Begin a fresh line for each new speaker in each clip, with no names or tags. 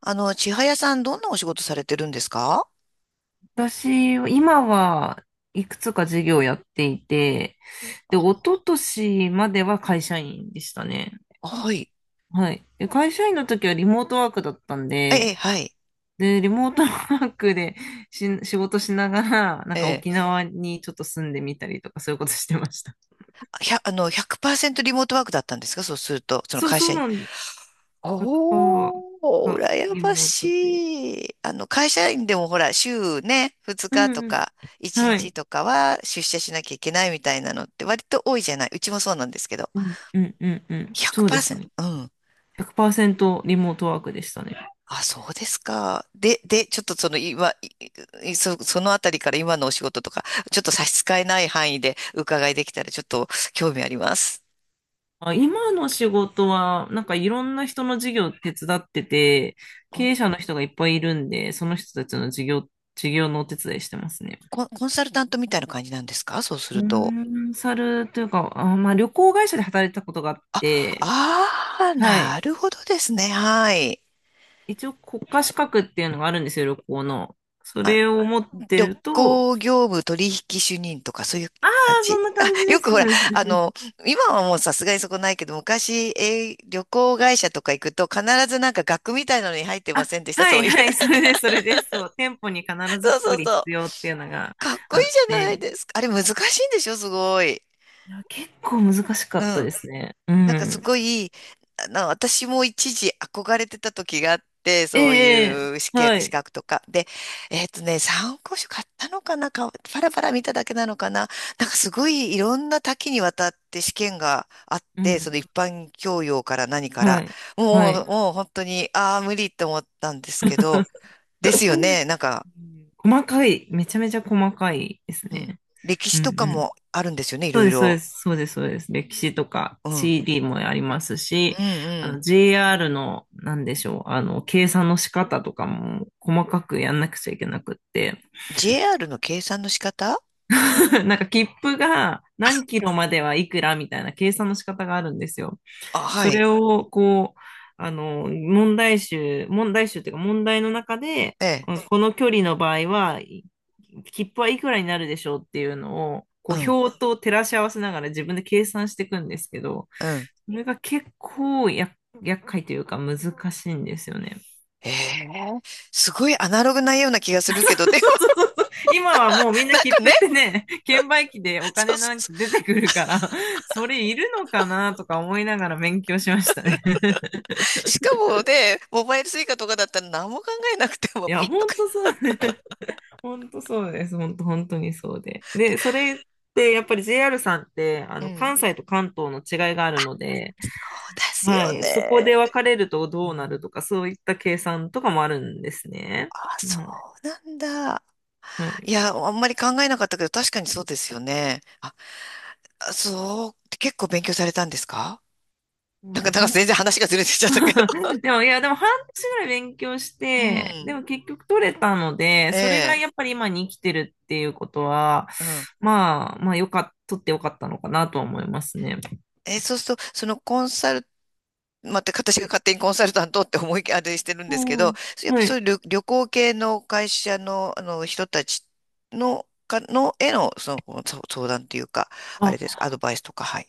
千早さん、どんなお仕事されてるんですか？
私、今はいくつか事業やっていて、で、一昨年までは会社員でしたね。
はい。
はい。で、会社員の時はリモートワークだったん
ええ、
で、
はい。
で、リモートワークで仕事しながら、なん
え
か
え、
沖縄にちょっと住んでみたりとか、そういうことしてました。
100%リモートワークだったんですか？そうすると、その
そう、
会
そ
社
う
員。
なんです。100%
おー、
が
羨
リ
ま
モートで。
しい。会社員でもほら、週ね、2
う
日と
んうん。
か、1
は
日
い。
とかは出社しなきゃいけないみたいなのって割と多いじゃない。うちもそうなんですけど。
うんうんうんうん。そうです
100%？
ね。
うん。
100%リモートワークでしたね。
あ、そうですか。で、ちょっとその今、いいそ、そのあたりから今のお仕事とか、ちょっと差し支えない範囲で伺いできたらちょっと興味あります。
あ、今の仕事は、なんかいろんな人の事業手伝ってて、
お。
経営者の人がいっぱいいるんで、その人たちの事業のお手伝いしてますね。
コンサルタントみたいな感じなんですか？そうす
コ
ると。
ンサルというか、あ、まあ旅行会社で働いてたことがあっ
あ、
て、
ああ、
は
な
い。
るほどですね。はい。
一応国家資格っていうのがあるんですよ、旅行の。そ
あ、
れを持って
旅
ると、
行業務取引主任とかそういう
あ
感
あ、そ
じ。
んな
あ、
感じで
よく
す。
ほ
そ
ら、
うです
あの、今はもうさすがにそこないけど、昔、旅行会社とか行くと必ずなんか額みたいなのに入ってま
あ、
せんでした、
は
そ
い、
ういう。
はい、それです、それです。そう、店舗に必ず
そう
一
そう
人必
そう。
要っていうのが
かっこ
あ
いい
っ
じゃない
て、
ですか。あれ難しいんでしょ？すごい。
いや、結構難しか
う
った
ん。
ですね。う
なんかす
ん。
ごい、私も一時憧れてた時があって、そう
ええ、
いう試験、
は
資
い。
格とか。で、参考書買ったのかなパラパラ見ただけなのかな。なんかすごいいろんな多岐にわたって試験があっ
う
て、その
ん。
一般教養から何か
は
ら、
い。
も
はい。
う、もう本当に、ああ、無理って思ったんですけど、ですよね。
う
なんか、
ん、細かい。めちゃめちゃ細かいです
うん。
ね。
歴
う
史
ん
とか
うん。
もあるんですよね、い
そう
ろい
です、そう
ろ。
です、そうです、そうです。歴史とか
うん。
地理もありますし、
うんう
あの
ん。
JR の、なんでしょう、計算の仕方とかも細かくやんなくちゃいけなくって、
JR の計算の仕方？
なんか切符が何キロまではいくらみたいな計算の仕方があるんですよ。
あ、は
そ
い。
れを、こう、問題集っていうか問題の中で、
ええ。
うん、この距離の場合は、切符はいくらになるでしょうっていうのを、こ
う
う、
ん。
表と照らし合わせながら自分で計算していくんですけど、
うん。
それが結構厄介というか難しいんですよね。
ええ。すごいアナログなような気がするけど、でも
今はもうみんな
なん
切
か
符
ね、
ってね、券売機でお
そう
金
そ
な
う
んか
そ
出てくるから、それいるのかなとか思いながら勉強しましたね。
う。しかもね、モバイルスイカとかだったら何も考えなくても
いや、
ピッ
ほ
とか。
んとそうね。本当そうです。本当、本当にそうで。で、それってやっぱり JR さんってあ
う
の
ん。
関西と関東の違いがあるので、
そうです
は
よ
い、そこ
ね。
で分かれるとどうなるとか、そういった計算とかもあるんですね。
あ、そ
はい。
うなんだ。
は
い
い、
や、あんまり考えなかったけど、確かにそうですよね。あ、あそう。結構勉強されたんですか？
そう
なん
で、
か、なんか全然話がずれてきちゃったけど。
でも、いや、でも半年ぐらい勉強し
う
て、で
ん。
も結局取れたので、
え
それが
え。
やっぱり今に生きてるっていうことは、
うん。
まあ、まあ、よかっ、取ってよかったのかなとは思いますね。
そうすると、そのコンサル、また私
は
が
い。
勝手にコンサルタントって思いあれしてるんですけ
う
ど、
ん。
やっぱ
は
そう
い。
いう旅行系の会社の、あの人たちの、の、への、その、そ相談っていうか、あれで
あ
すか、アドバイスとか、はい。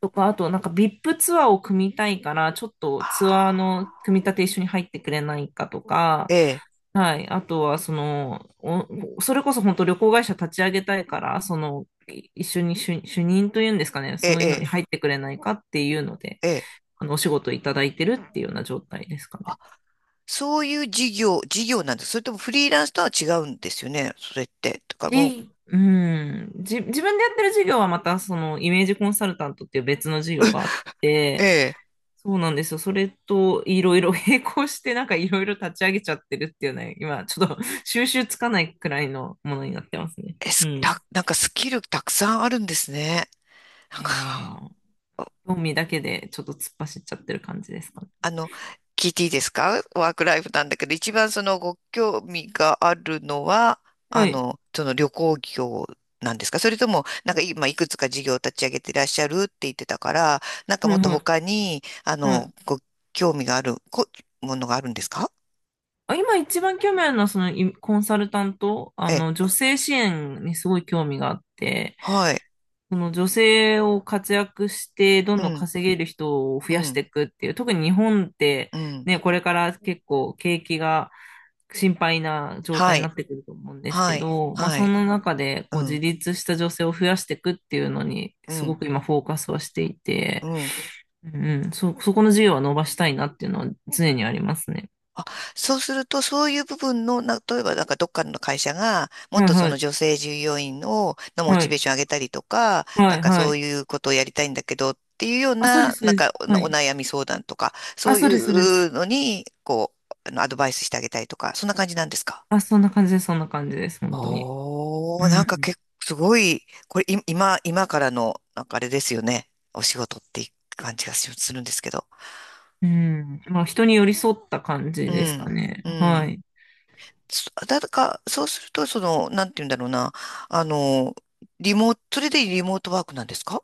とか、あとなんか VIP ツアーを組みたいから、ちょっ
あ
とツアー
あ、
の組み立て一緒に入ってくれないかとか、
ええ、
はい。あとは、その、それこそ本当旅行会社立ち上げたいから、その、一緒に主任というんですかね、
え
そうい
え、
うのに
え
入ってくれないかっていうので、
え、ええ。
あの、お仕事いただいてるっていうような状態ですかね。
そういう事業なんです。それともフリーランスとは違うんですよね、それって。とかも
うん、自分でやってる事業はまた、その、イメージコンサルタントっていう別の事業があっ
う、
て、
え
そうなんですよ。それといろいろ 並行してなんかいろいろ立ち上げちゃってるっていうね、今ちょっと 収集つかないくらいのものになってますね。
え、え、
う
す
ん。い
た、なんかスキルたくさんあるんですね。なん
やいやいや、
か、
興味だけでちょっと突っ走っちゃってる感じですかね。
あの、聞いていいですか？ワークライフなんだけど、一番そのご興味があるのは、
はい。
その旅行業なんですか？それとも、なんか今いくつか事業を立ち上げていらっしゃるって言ってたから、なんか
は
も
い
っと
はい。
他に、
はい。
ご興味があるものがあるんですか？
あ、今一番興味あるのはそのコンサルタント、あ
え、
の女性支援にすごい興味があって、
はい。
その女性を活躍してどん
う
どん
ん、
稼げる人を増
う
やし
ん、
ていくっていう、特に日本って
うん。
ね、これから結構景気が心配な状態
は
に
い、
なってくると思うんです
は
け
い、
ど、まあ、
は
そ
い。
の中で
う
こう自
ん、
立した女性を増やしていくっていうのに
う
すご
ん、
く今フォーカスはしてい
う
て、
ん。
うんうん、そこの授業は伸ばしたいなっていうのは常にありますね。
あ、そうすると、そういう部分の、例えばなんかどっかの会社が、も
は
っ
い
とそ
は
の女
い。
性従業員を、のモ
は
チ
い。
ベーション上げたりとか、な
は
ん
い
か
は
そう
い。
いうことをやりたいんだけどっていうよう
あ、そうで
な、
す、そう
なん
で
か
す。は
お、お
い。
悩み相談とか、そ
あ、
う
そ
い
うです、そうです。
うのに、こう、アドバイスしてあげたりとか、そんな感じなんですか？
あ、そんな感じです、そんな感じです、本当に。
お
う
ー、なんか
ん。
結構すごい、これい今からの、なんかあれですよね。お仕事っていう感じがしするんですけど。
うん。まあ、人に寄り添った感じ
う
ですか
ん、
ね。
う
は
ん。
い。
そだか、そうすると、その、なんて言うんだろうな。あの、リモート、それでリモートワークなんですか？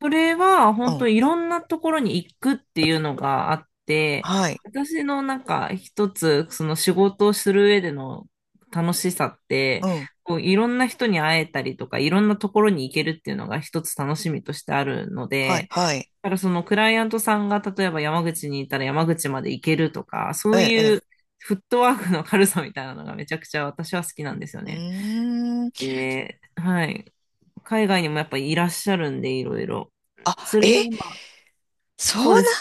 それは
う
本
ん。
当いろんなところに行くっていうのがあって、
はい。
私のなんか一つその仕事をする上での楽しさっ
う
て、
ん。
こういろんな人に会えたりとか、いろんなところに行けるっていうのが一つ楽しみとしてあるの
はい、
で、
はい。
だからそのクライアントさんが例えば山口にいたら山口まで行けるとか、そ
え
う
え、え
いう
え。
フットワークの軽さみたいなのがめちゃくちゃ私は好きな
う
んで
ん。
すよね。
うーん。
で、はい。海外にもやっぱいらっしゃるんで、いろいろ。
あ、
それで
え、
今
そ
そ
う
うです。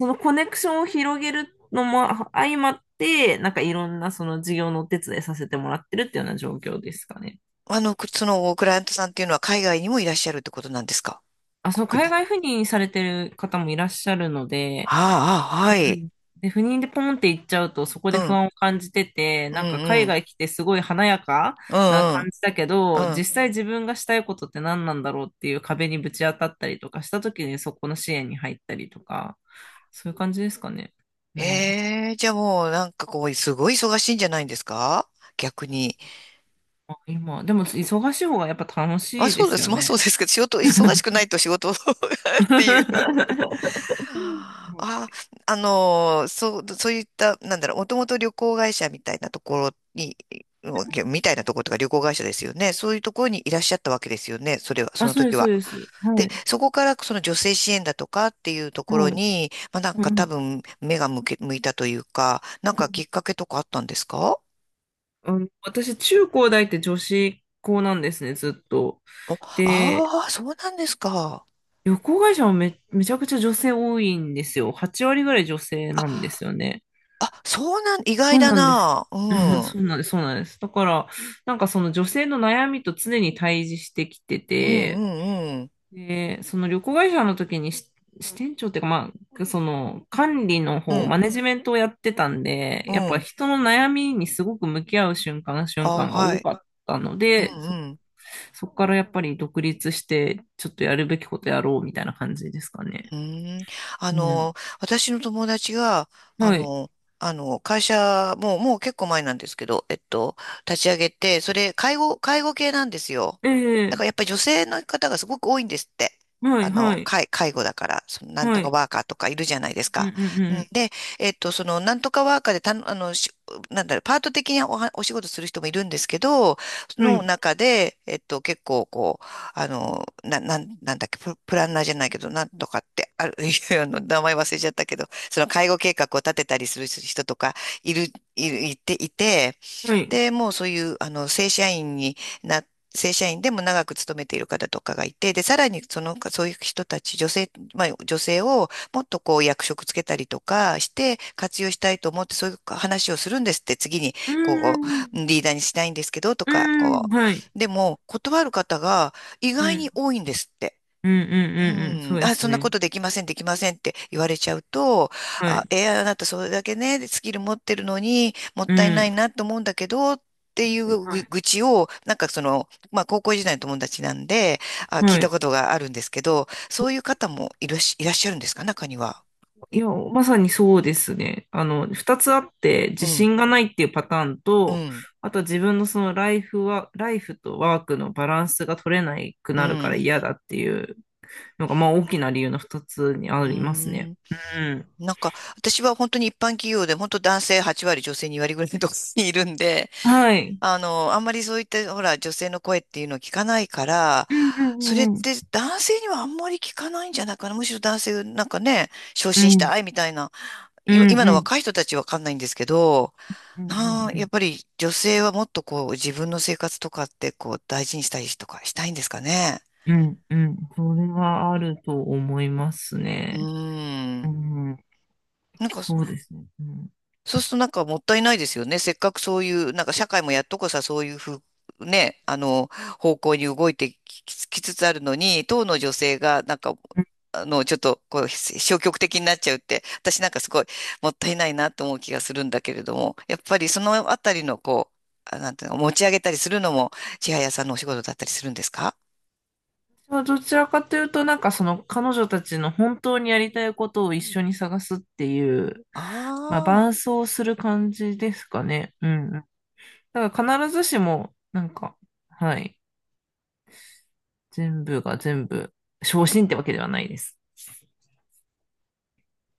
そのコネクションを広げるのも相まって、なんかいろんなその事業のお手伝いさせてもらってるっていうような状況ですかね。
な、くその、クライアントさんっていうのは海外にもいらっしゃるってことなんですか？
あ、そう、
国
海
内。
外赴任されてる方もいらっしゃるので、
ああ、あ
う
は
ん
い。
うん、で、赴任でポンって行っちゃうと、そこ
う
で不
ん。
安を感じてて、
うん、
なんか
う
海
ん。
外来てすごい華やか
う
な
ん、う
感
ん。
じだけ
う
ど、
ん。
実際自分がしたいことって何なんだろうっていう壁にぶち当たったりとかした時にそこの支援に入ったりとか、そういう感じですかね。うん。
ええ、じゃあもう、なんかこう、すごい忙しいんじゃないんですか？逆に。
今、でも忙しい方がやっぱ楽
まあ、
しいで
そうで
す
す。
よ
まあそう
ね。
ですけど、仕事、忙しくな いと仕事 っていう。あ、そういった、なんだろう、もともと旅行会社みたいなところとか旅行会社ですよね。そういうところにいらっしゃったわけですよね。それは、そ
あ、
の
そうで
時
す、そう
は。
です。
で、
はい。
そこからその女性支援だとかっていうところ
はい。
に、まあなん
う
か多
ん。
分目が向いたというか、なんかきっかけとかあったんですか？
うん、私、中高大って女子校なんですね、ずっと。
お、
で、
ああー、そうなんですか。
旅行会社もめちゃくちゃ女性多いんですよ。8割ぐらい女性
あ、
なんですよね。
あそうなん、意外
そう
だ
なんです。
な。う
うん、
ん。
そうなんです、そうなんです。だから、なんかその女性の悩みと常に対峙してきて
うんう
て、
んうん。
で、その旅行会社の時に支店長っていうか、まあ、その管理の
う
方、マ
ん
ネジメントをやってたんで、
う
やっぱ
ん。
人の悩みにすごく向き合う瞬間、瞬
あ、
間が
は
多
い。
かったの
うん
で、
うん。
そこからやっぱり独立して、ちょっとやるべきことやろうみたいな感じですかね。
うーん。あ
うん。
の、私の友達が、あ
はい。
の、会社、もう結構前なんですけど、立ち上げて、介護系なんですよ。
え
だか
え、
らやっぱり女性の方がすごく多いんですって。
はい、はい、
介護だから、なん
は
とか
い。
ワーカーとかいるじゃないです
うん、う
か。うん、
ん、
で、なんとかワーカーでたの、しなんだろう、パート的にお仕事する人もいるんですけど、
うん。は
の
い、
中で、結構、こう、なんだっけ、プランナーじゃないけど、なんとかって、ある、いや名前忘れちゃったけど、その介護計画を立てたりする人とか、いて、
はい。
で、もうそういう、な、正社員でも長く勤めている方とかがいて、で、さらにその、そういう人たち、女性をもっとこう役職つけたりとかして活用したいと思って、そういう話をするんですって、次に、
う
こ
ん、うん、
う、リーダーにしないんですけど、と
う
か、
ん、
こ
はい。
う。でも、断る方が意
う
外に
ん、
多いんですって。
うん、う
う
ん、うん、うん、そ
ん、
うで
あ、
す
そんなこ
ね。
とできません、できませんって言われちゃうと、
は
あ、
い。
あなたそれだけね、スキル持ってるのにもっ
う
たいない
ん。
なと思うんだけど、っていう
は
ぐ
い。
愚痴を、なんかその、まあ高校時代の友達なんで、あ、聞い
は
た
い。
ことがあるんですけど、そういう方もいらっしゃるんですか、中には。
い
い
や、まさにそうですね。あの、二つあって、
う
自
ん、
信がないっていうパターン
う
と、
ん、
あと自分のそのライフとワークのバランスが取れなく
う
なるから
ん。
嫌だっていうのが、まあ大きな理由の二つにあ
うー
りますね。
ん、
うん。
なんか、私は本当に一般企業で、本当男性8割、女性2割ぐらいのところにいるんで、
はい。
あんまりそういった、ほら、女性の声っていうのを聞かないから、
うんう
それっ
んうん
て男性にはあんまり聞かないんじゃないかな。むしろ男性、なんかね、昇
う
進し
ん。
たいみたいな、
う
い
んう
今
ん
の
う
若い
ん
人たちわかんないんですけど、
うん
なあ、
う
やっ
ん
ぱり女性はもっとこう、自分の生活とかってこう、大事にしたりとかしたいんですかね。
うんうん。それはあると思います
う
ね。
ー
う
ん。
ん。
なんか、
そうですね。うん。
そうするとなんかもったいないですよね。せっかくそういう、なんか社会もやっとこさ、そういうね、方向に動いてきききつつあるのに、当の女性が、なんか、ちょっと、こう、消極的になっちゃうって、私なんかすごいもったいないなと思う気がするんだけれども、やっぱりそのあたりの、こう、あなんていうの、持ち上げたりするのも、千早さんのお仕事だったりするんですか？
まあどちらかというと、なんかその彼女たちの本当にやりたいことを一緒に探すっていう、まあ
あ
伴走する感じですかね。うん。だから必ずしも、なんか、はい。全部が全部、昇進ってわけではないです。